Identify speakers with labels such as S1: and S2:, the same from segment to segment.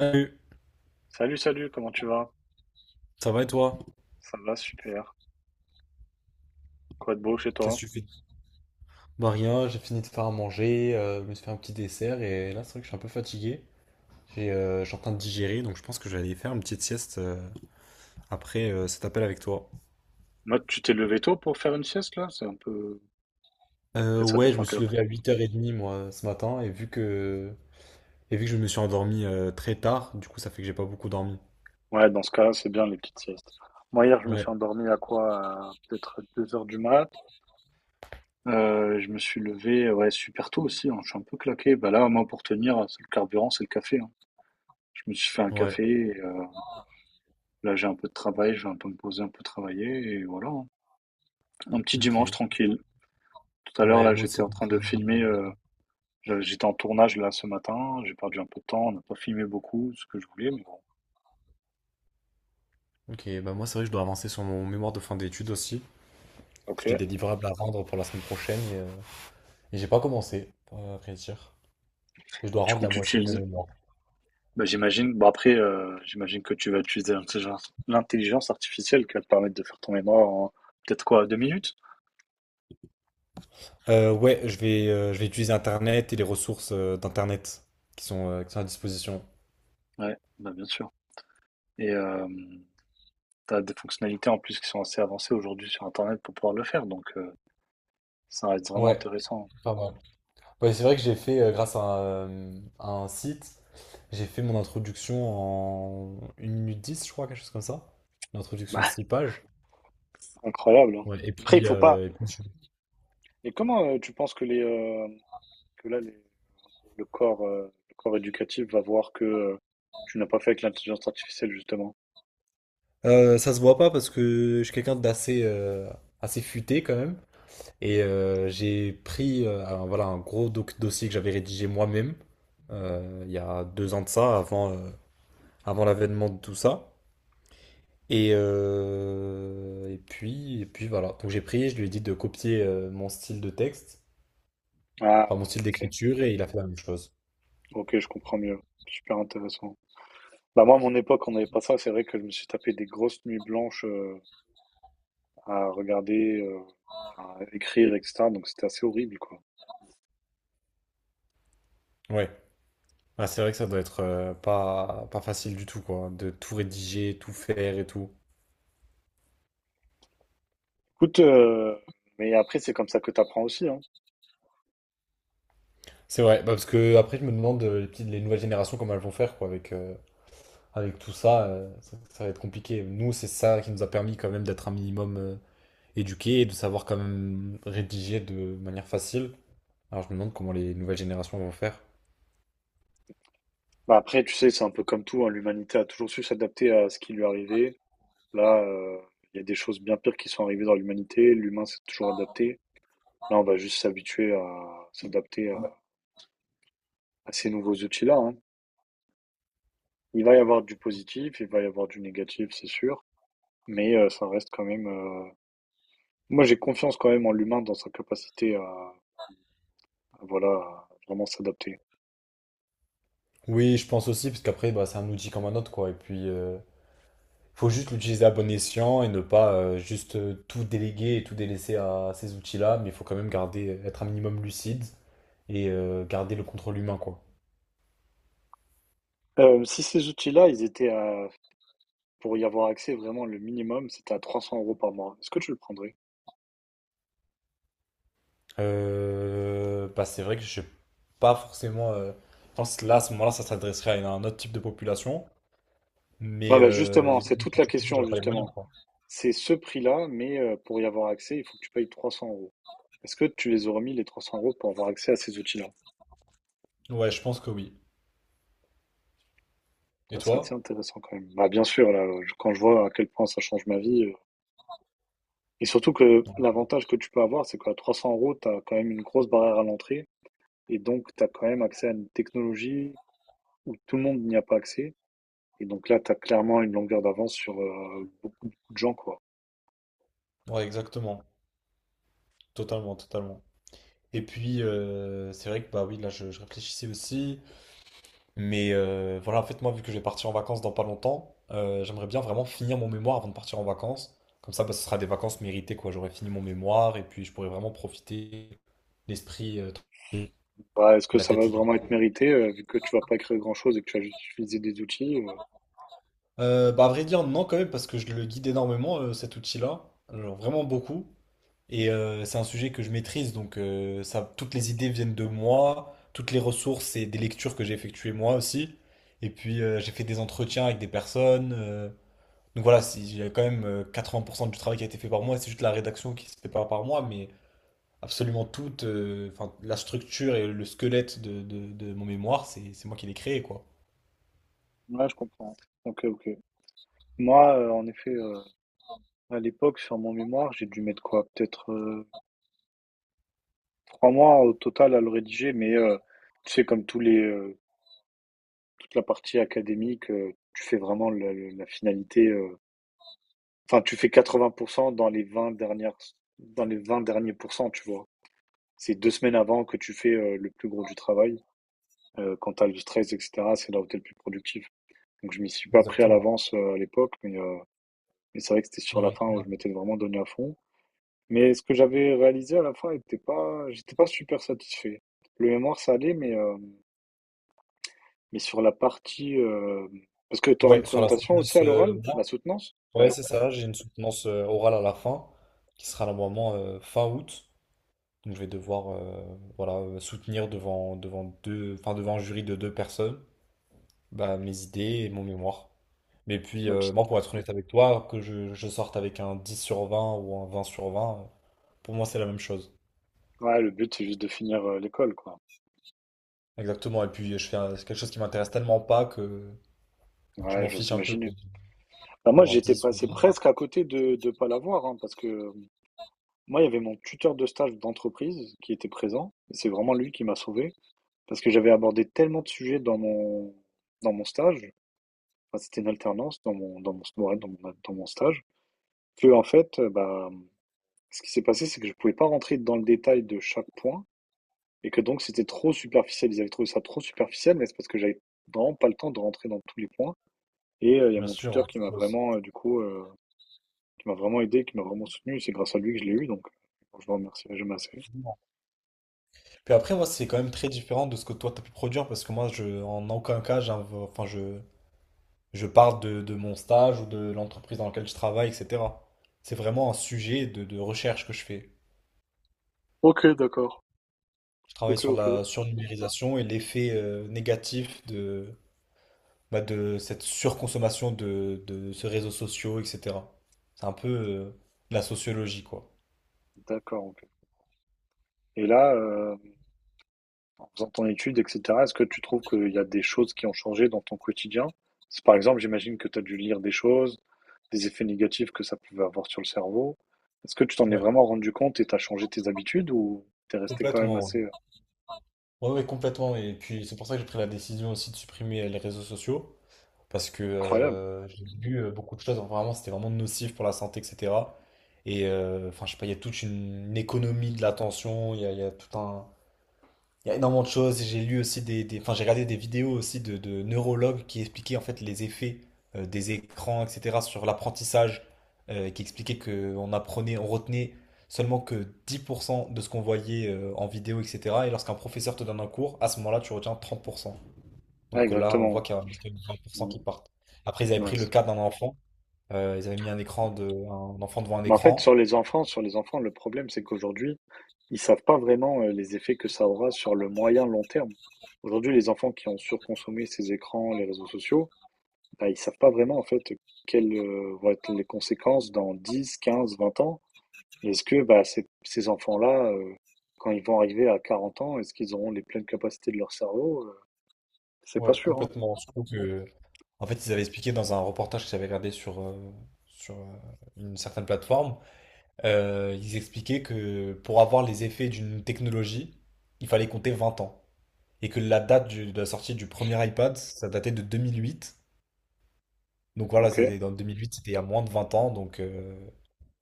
S1: Salut,
S2: Salut, salut, comment tu vas?
S1: ça va et toi?
S2: Ça va, super. Quoi de beau chez
S1: Qu'est-ce
S2: toi?
S1: que tu fais? Bah rien, j'ai fini de faire à manger, je me suis fait un petit dessert et là c'est vrai que je suis un peu fatigué. Je suis en train de digérer donc je pense que je vais aller faire une petite sieste après cet appel avec toi.
S2: Moi, tu t'es levé tôt pour faire une sieste là? C'est un peu. Après, ça
S1: Ouais, je
S2: dépend
S1: me
S2: quelle
S1: suis
S2: heure.
S1: levé à 8h30 moi ce matin et vu que je me suis endormi très tard, du coup ça fait que j'ai pas beaucoup dormi.
S2: Ouais, dans ce cas, c'est bien les petites siestes. Moi, hier, je me suis
S1: Ouais,
S2: endormi à quoi? À peut-être 2 heures du mat. Je me suis levé, ouais, super tôt aussi, hein. Je suis un peu claqué. Bah là, moi, pour tenir, c'est le carburant, c'est le café, hein. Je me suis fait un
S1: ouais,
S2: café. Et là, j'ai un peu de travail. Je vais un peu me poser, un peu travailler. Et voilà, hein. Un petit dimanche
S1: ok.
S2: tranquille. Tout à l'heure,
S1: Ouais,
S2: là,
S1: moi
S2: j'étais
S1: aussi.
S2: en train de filmer. J'étais en tournage là ce matin, j'ai perdu un peu de temps, on n'a pas filmé beaucoup ce que je voulais, mais bon.
S1: Ok, bah moi c'est vrai que je dois avancer sur mon mémoire de fin d'études aussi.
S2: Ok.
S1: J'ai des livrables à rendre pour la semaine prochaine. Et j'ai pas commencé, à vrai dire. Et je dois
S2: Tu
S1: rendre la
S2: comptes
S1: moitié de mon
S2: utiliser?
S1: mémoire.
S2: Bah, j'imagine. Bon après, j'imagine que tu vas utiliser l'intelligence artificielle qui va te permettre de faire ton mémoire en peut-être quoi, 2 minutes?
S1: Ouais, je vais utiliser Internet et les ressources d'Internet qui sont à disposition.
S2: Ouais, bah bien sûr. Et t'as des fonctionnalités en plus qui sont assez avancées aujourd'hui sur Internet pour pouvoir le faire, donc ça reste vraiment
S1: Ouais,
S2: intéressant.
S1: pas mal. Ouais, c'est vrai que j'ai fait, grâce à un site, j'ai fait mon introduction en une minute 10, je crois, quelque chose comme ça. Une introduction de
S2: Bah,
S1: 6 pages.
S2: c'est incroyable, hein.
S1: Ouais, et
S2: Après, il
S1: puis,
S2: faut pas.
S1: et puis.
S2: Et comment tu penses que les que là les le corps éducatif va voir que tu n'as pas fait avec l'intelligence artificielle, justement.
S1: Ça se voit pas parce que je suis quelqu'un d'assez assez futé quand même. Et j'ai pris voilà, un gros dossier que j'avais rédigé moi-même il y a 2 ans de ça, avant l'avènement de tout ça. Et puis voilà. Donc j'ai pris, je lui ai dit de copier mon style de texte,
S2: Ah,
S1: enfin mon
S2: voilà,
S1: style
S2: ok.
S1: d'écriture, et il a fait la même chose.
S2: Ok, je comprends mieux. Super intéressant. Bah, moi, à mon époque, on n'avait pas ça. C'est vrai que je me suis tapé des grosses nuits blanches à regarder, à écrire, etc. Donc, c'était assez horrible, quoi.
S1: Ouais. Ah, c'est vrai que ça doit être pas facile du tout, quoi, hein, de tout rédiger, tout faire et tout.
S2: Écoute, mais après, c'est comme ça que tu apprends aussi, hein.
S1: C'est vrai, bah, parce que après je me demande les petites, les nouvelles générations comment elles vont faire, quoi, avec tout ça, ça va être compliqué. Nous, c'est ça qui nous a permis quand même d'être un minimum éduqués et de savoir quand même rédiger de manière facile. Alors, je me demande comment les nouvelles générations vont faire.
S2: Bah, après, tu sais, c'est un peu comme tout, hein. L'humanité a toujours su s'adapter à ce qui lui arrivait. Là, il y a des choses bien pires qui sont arrivées dans l'humanité. L'humain s'est toujours adapté. Là, on va juste s'habituer à s'adapter à ces nouveaux outils-là, hein. Il va y avoir du positif, il va y avoir du négatif, c'est sûr, mais ça reste quand même. Moi, j'ai confiance quand même en l'humain dans sa capacité à, voilà, à vraiment s'adapter.
S1: Oui, je pense aussi, parce qu'après, bah, c'est un outil comme un autre, quoi. Et puis, faut juste l'utiliser à bon escient et ne pas juste tout déléguer et tout délaisser à ces outils-là, mais il faut quand même garder, être un minimum lucide et garder le contrôle humain, quoi.
S2: Si ces outils-là, ils étaient pour y avoir accès vraiment le minimum, c'était à 300 € par mois. Est-ce que tu le prendrais?
S1: Bah, c'est vrai que je sais pas forcément. Je pense que là, à ce moment-là, ça s'adresserait à un autre type de population.
S2: Ouais,
S1: Mais
S2: bah justement, c'est toute la question, justement. C'est ce prix-là, mais pour y avoir accès, il faut que tu payes 300 euros. Est-ce que tu les aurais mis les 300 € pour avoir accès à ces outils-là?
S1: ouais, je pense que oui.
S2: Ça,
S1: Et
S2: c'est assez
S1: toi?
S2: intéressant quand même. Bah, bien sûr, là, quand je vois à quel point ça change ma vie. Et surtout que l'avantage que tu peux avoir, c'est qu'à 300 euros, tu as quand même une grosse barrière à l'entrée. Et donc, tu as quand même accès à une technologie où tout le monde n'y a pas accès. Et donc là, tu as clairement une longueur d'avance sur beaucoup, beaucoup de gens, quoi.
S1: Ouais, exactement. Totalement, totalement. Et puis, c'est vrai que bah oui, là, je réfléchissais aussi. Mais voilà, en fait, moi, vu que je vais partir en vacances dans pas longtemps, j'aimerais bien vraiment finir mon mémoire avant de partir en vacances. Comme ça, bah, ce sera des vacances méritées, quoi. J'aurai fini mon mémoire et puis je pourrai vraiment profiter l'esprit tranquille
S2: Bah, est-ce
S1: et
S2: que
S1: la
S2: ça va
S1: tête libre.
S2: vraiment être mérité, vu que tu vas pas créer grand-chose et que tu vas juste utiliser des outils?
S1: Bah, à vrai dire, non, quand même, parce que je le guide énormément, cet outil-là. Alors, vraiment beaucoup. Et c'est un sujet que je maîtrise, donc ça, toutes les idées viennent de moi, toutes les ressources et des lectures que j'ai effectuées moi aussi. Et puis, j'ai fait des entretiens avec des personnes. Donc voilà, il y a quand même 80% du travail qui a été fait par moi, c'est juste la rédaction qui se fait pas par moi, mais absolument toute, enfin, la structure et le squelette de mon mémoire, c'est moi qui l'ai créé, quoi.
S2: Ouais, je comprends. Ok, ok. Moi, en effet, à l'époque, sur mon mémoire, j'ai dû mettre quoi? Peut-être 3 mois au total à le rédiger, mais tu sais, comme tous les, toute la partie académique, tu fais vraiment la finalité. Enfin, tu fais 80% dans les 20 derniers pourcents, tu vois. C'est 2 semaines avant que tu fais le plus gros du travail. Quand t'as le stress, etc., c'est là où t'es le plus productif. Donc, je m'y suis pas pris à
S1: Exactement.
S2: l'avance à l'époque, mais c'est vrai que c'était sur la
S1: Ouais,
S2: fin où je
S1: ouais.
S2: m'étais vraiment donné à fond. Mais ce que j'avais réalisé à la fin était pas, j'étais pas super satisfait. Le mémoire, ça allait, mais sur la partie, parce que tu auras une
S1: Ouais, sur la
S2: présentation aussi
S1: soutenance.
S2: à l'oral? La soutenance?
S1: Ouais,
S2: Ouais.
S1: c'est ça, j'ai une soutenance orale à la fin, qui sera normalement fin août. Donc je vais devoir voilà, soutenir devant deux, enfin, devant un jury de deux personnes, bah, mes idées et mon mémoire. Mais puis,
S2: Ouais,
S1: moi, pour être honnête avec toi, que je sorte avec un 10/20 ou un 20/20 pour moi, c'est la même chose.
S2: le but, c'est juste de finir, l'école, quoi.
S1: Exactement, et puis je fais c'est quelque chose qui m'intéresse tellement pas que je
S2: Ouais,
S1: m'en
S2: j'ose
S1: fiche un peu
S2: imaginer.
S1: quoi,
S2: Bah, moi,
S1: d'avoir
S2: j'étais
S1: 10 ou
S2: passé
S1: 20.
S2: presque à côté de pas l'avoir, hein, parce que, moi, il y avait mon tuteur de stage d'entreprise qui était présent et c'est vraiment lui qui m'a sauvé parce que j'avais abordé tellement de sujets dans mon stage, enfin, c'était une alternance dans mon ouais, dans mon al dans mon stage qu'en fait, bah, ce qui s'est passé, c'est que je pouvais pas rentrer dans le détail de chaque point. Et que donc c'était trop superficiel, ils avaient trouvé ça trop superficiel, mais c'est parce que j'avais vraiment pas le temps de rentrer dans tous les points. Et il y a
S1: Bien
S2: mon
S1: sûr,
S2: tuteur qui m'a vraiment, du coup, qui m'a vraiment aidé, qui m'a vraiment soutenu. C'est grâce à lui que je l'ai eu, donc je le remercierai jamais assez.
S1: puis après, moi, c'est quand même très différent de ce que toi, t'as pu produire, parce que moi, je, en aucun cas, enfin, je parle de mon stage ou de l'entreprise dans laquelle je travaille, etc. C'est vraiment un sujet de recherche que je fais.
S2: OK, d'accord.
S1: Je travaille
S2: OK,
S1: sur
S2: OK.
S1: la surnumérisation et l'effet négatif de, bah, de, cette surconsommation de ces réseaux sociaux, etc. C'est un peu la sociologie, quoi.
S2: D'accord, OK. Et là, en faisant ton étude, etc. Est-ce que tu trouves qu'il y a des choses qui ont changé dans ton quotidien? Par exemple, j'imagine que tu as dû lire des choses, des effets négatifs que ça pouvait avoir sur le cerveau. Est-ce que tu t'en es
S1: Ouais,
S2: vraiment rendu compte et t'as changé tes habitudes ou t'es resté quand même
S1: complètement. Ouais,
S2: assez
S1: ouais, ouais, complètement. Et puis, c'est pour ça que j'ai pris la décision aussi de supprimer les réseaux sociaux. Parce que
S2: incroyable?
S1: j'ai vu beaucoup de choses, vraiment, c'était vraiment nocif pour la santé, etc. Et enfin, je sais pas, il y a toute une, économie de l'attention, il y a tout un. Il y a énormément de choses et j'ai lu aussi des, enfin, j'ai regardé des vidéos aussi de neurologues qui expliquaient en fait les effets des écrans, etc., sur l'apprentissage, qui expliquaient qu'on apprenait, on retenait seulement que 10% de ce qu'on voyait en vidéo, etc. Et lorsqu'un professeur te donne un cours, à ce moment-là, tu retiens 30%.
S2: Ouais,
S1: Donc là, on voit
S2: exactement.
S1: qu'il y a 20%
S2: Mm,
S1: qui partent. Après, ils avaient
S2: ouais,
S1: pris le cas d'un enfant. Ils avaient mis un écran un enfant devant un
S2: Mais en fait,
S1: écran.
S2: sur les enfants, le problème, c'est qu'aujourd'hui, ils savent pas vraiment les effets que ça aura sur le moyen long terme. Aujourd'hui, les enfants qui ont surconsommé ces écrans, les réseaux sociaux, bah, ils ne savent pas vraiment en fait quelles vont être les conséquences dans 10, 15, 20 ans. Est-ce que bah, ces enfants-là, quand ils vont arriver à 40 ans, est-ce qu'ils auront les pleines capacités de leur cerveau? C'est pas
S1: Ouais,
S2: sûr, hein.
S1: complètement. Je trouve que, en fait, ils avaient expliqué dans un reportage que j'avais regardé sur une certaine plateforme. Ils expliquaient que pour avoir les effets d'une technologie, il fallait compter 20 ans. Et que la date de la sortie du premier iPad, ça datait de 2008. Donc voilà,
S2: Ok.
S1: ça, dans 2008, c'était il y a moins de 20 ans. Donc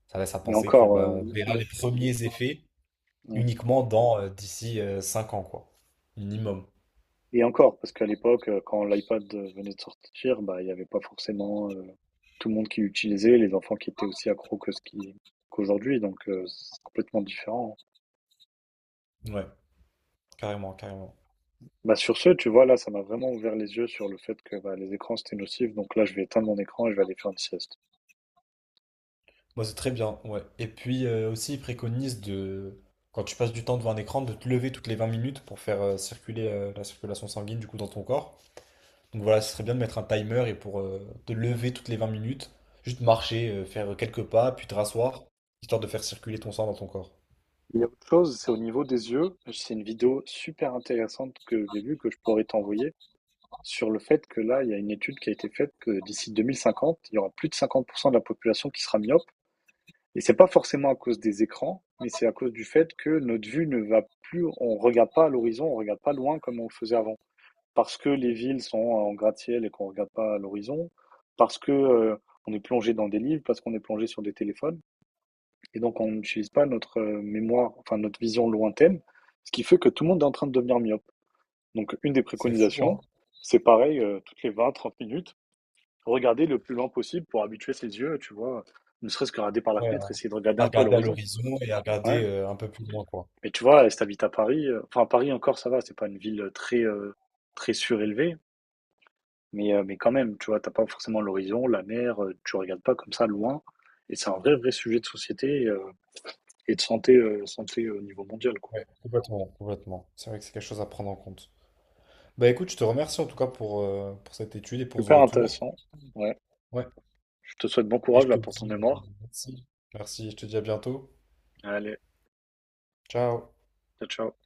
S1: ça laisse à
S2: Et
S1: penser que
S2: encore,
S1: bah,
S2: euh,
S1: on verra
S2: le-
S1: les premiers effets uniquement dans d'ici 5 ans, quoi. Minimum.
S2: et encore, parce qu'à l'époque, quand l'iPad venait de sortir, bah, il n'y avait pas forcément tout le monde qui l'utilisait, les enfants qui étaient aussi accros que ce qui qu'aujourd'hui, donc c'est complètement différent, hein.
S1: Ouais, carrément, carrément.
S2: Bah, sur ce, tu vois, là, ça m'a vraiment ouvert les yeux sur le fait que bah, les écrans, c'était nocif. Donc là, je vais éteindre mon écran et je vais aller faire une sieste.
S1: Moi, c'est très bien, ouais. Et puis aussi, ils préconisent de, quand tu passes du temps devant un écran, de te lever toutes les 20 minutes pour faire circuler la circulation sanguine, du coup, dans ton corps. Donc voilà, ce serait bien de mettre un timer et pour te lever toutes les 20 minutes, juste marcher, faire quelques pas, puis te rasseoir, histoire de faire circuler ton sang dans ton corps.
S2: Il y a autre chose, c'est au niveau des yeux. C'est une vidéo super intéressante que j'ai vue, que je pourrais t'envoyer, sur le fait que là, il y a une étude qui a été faite que d'ici 2050, il y aura plus de 50% de la population qui sera myope. Et c'est pas forcément à cause des écrans, mais c'est à cause du fait que notre vue ne va plus, on regarde pas à l'horizon, on regarde pas loin comme on le faisait avant. Parce que les villes sont en gratte-ciel et qu'on regarde pas à l'horizon, parce que on est plongé dans des livres, parce qu'on est plongé sur des téléphones, et donc on n'utilise pas notre mémoire, enfin notre vision lointaine, ce qui fait que tout le monde est en train de devenir myope. Donc une des
S1: C'est fou, hein?
S2: préconisations, c'est pareil, toutes les 20, 30 minutes, regarder le plus loin possible pour habituer ses yeux, tu vois, ne serait-ce que regarder par la
S1: Ouais,
S2: fenêtre,
S1: hein.
S2: essayer de regarder
S1: À
S2: un peu à
S1: regarder à
S2: l'horizon.
S1: l'horizon et à
S2: Ouais,
S1: regarder un peu plus loin, quoi.
S2: mais tu vois, si t'habites à Paris, enfin Paris encore ça va, c'est pas une ville très très surélevée, mais quand même, tu vois, t'as pas forcément l'horizon, la mer, tu regardes pas comme ça loin, et c'est un vrai vrai sujet de société et de santé au niveau mondial quoi.
S1: Ouais, complètement, complètement. C'est vrai que c'est quelque chose à prendre en compte. Bah écoute, je te remercie en tout cas pour cette étude et pour ce
S2: Super
S1: retour.
S2: intéressant. Ouais.
S1: Ouais.
S2: Je te souhaite bon
S1: Et
S2: courage
S1: je
S2: là
S1: te
S2: pour ton
S1: dis
S2: mémoire.
S1: merci. Merci, je te dis à bientôt.
S2: Allez,
S1: Ciao.
S2: ciao ciao.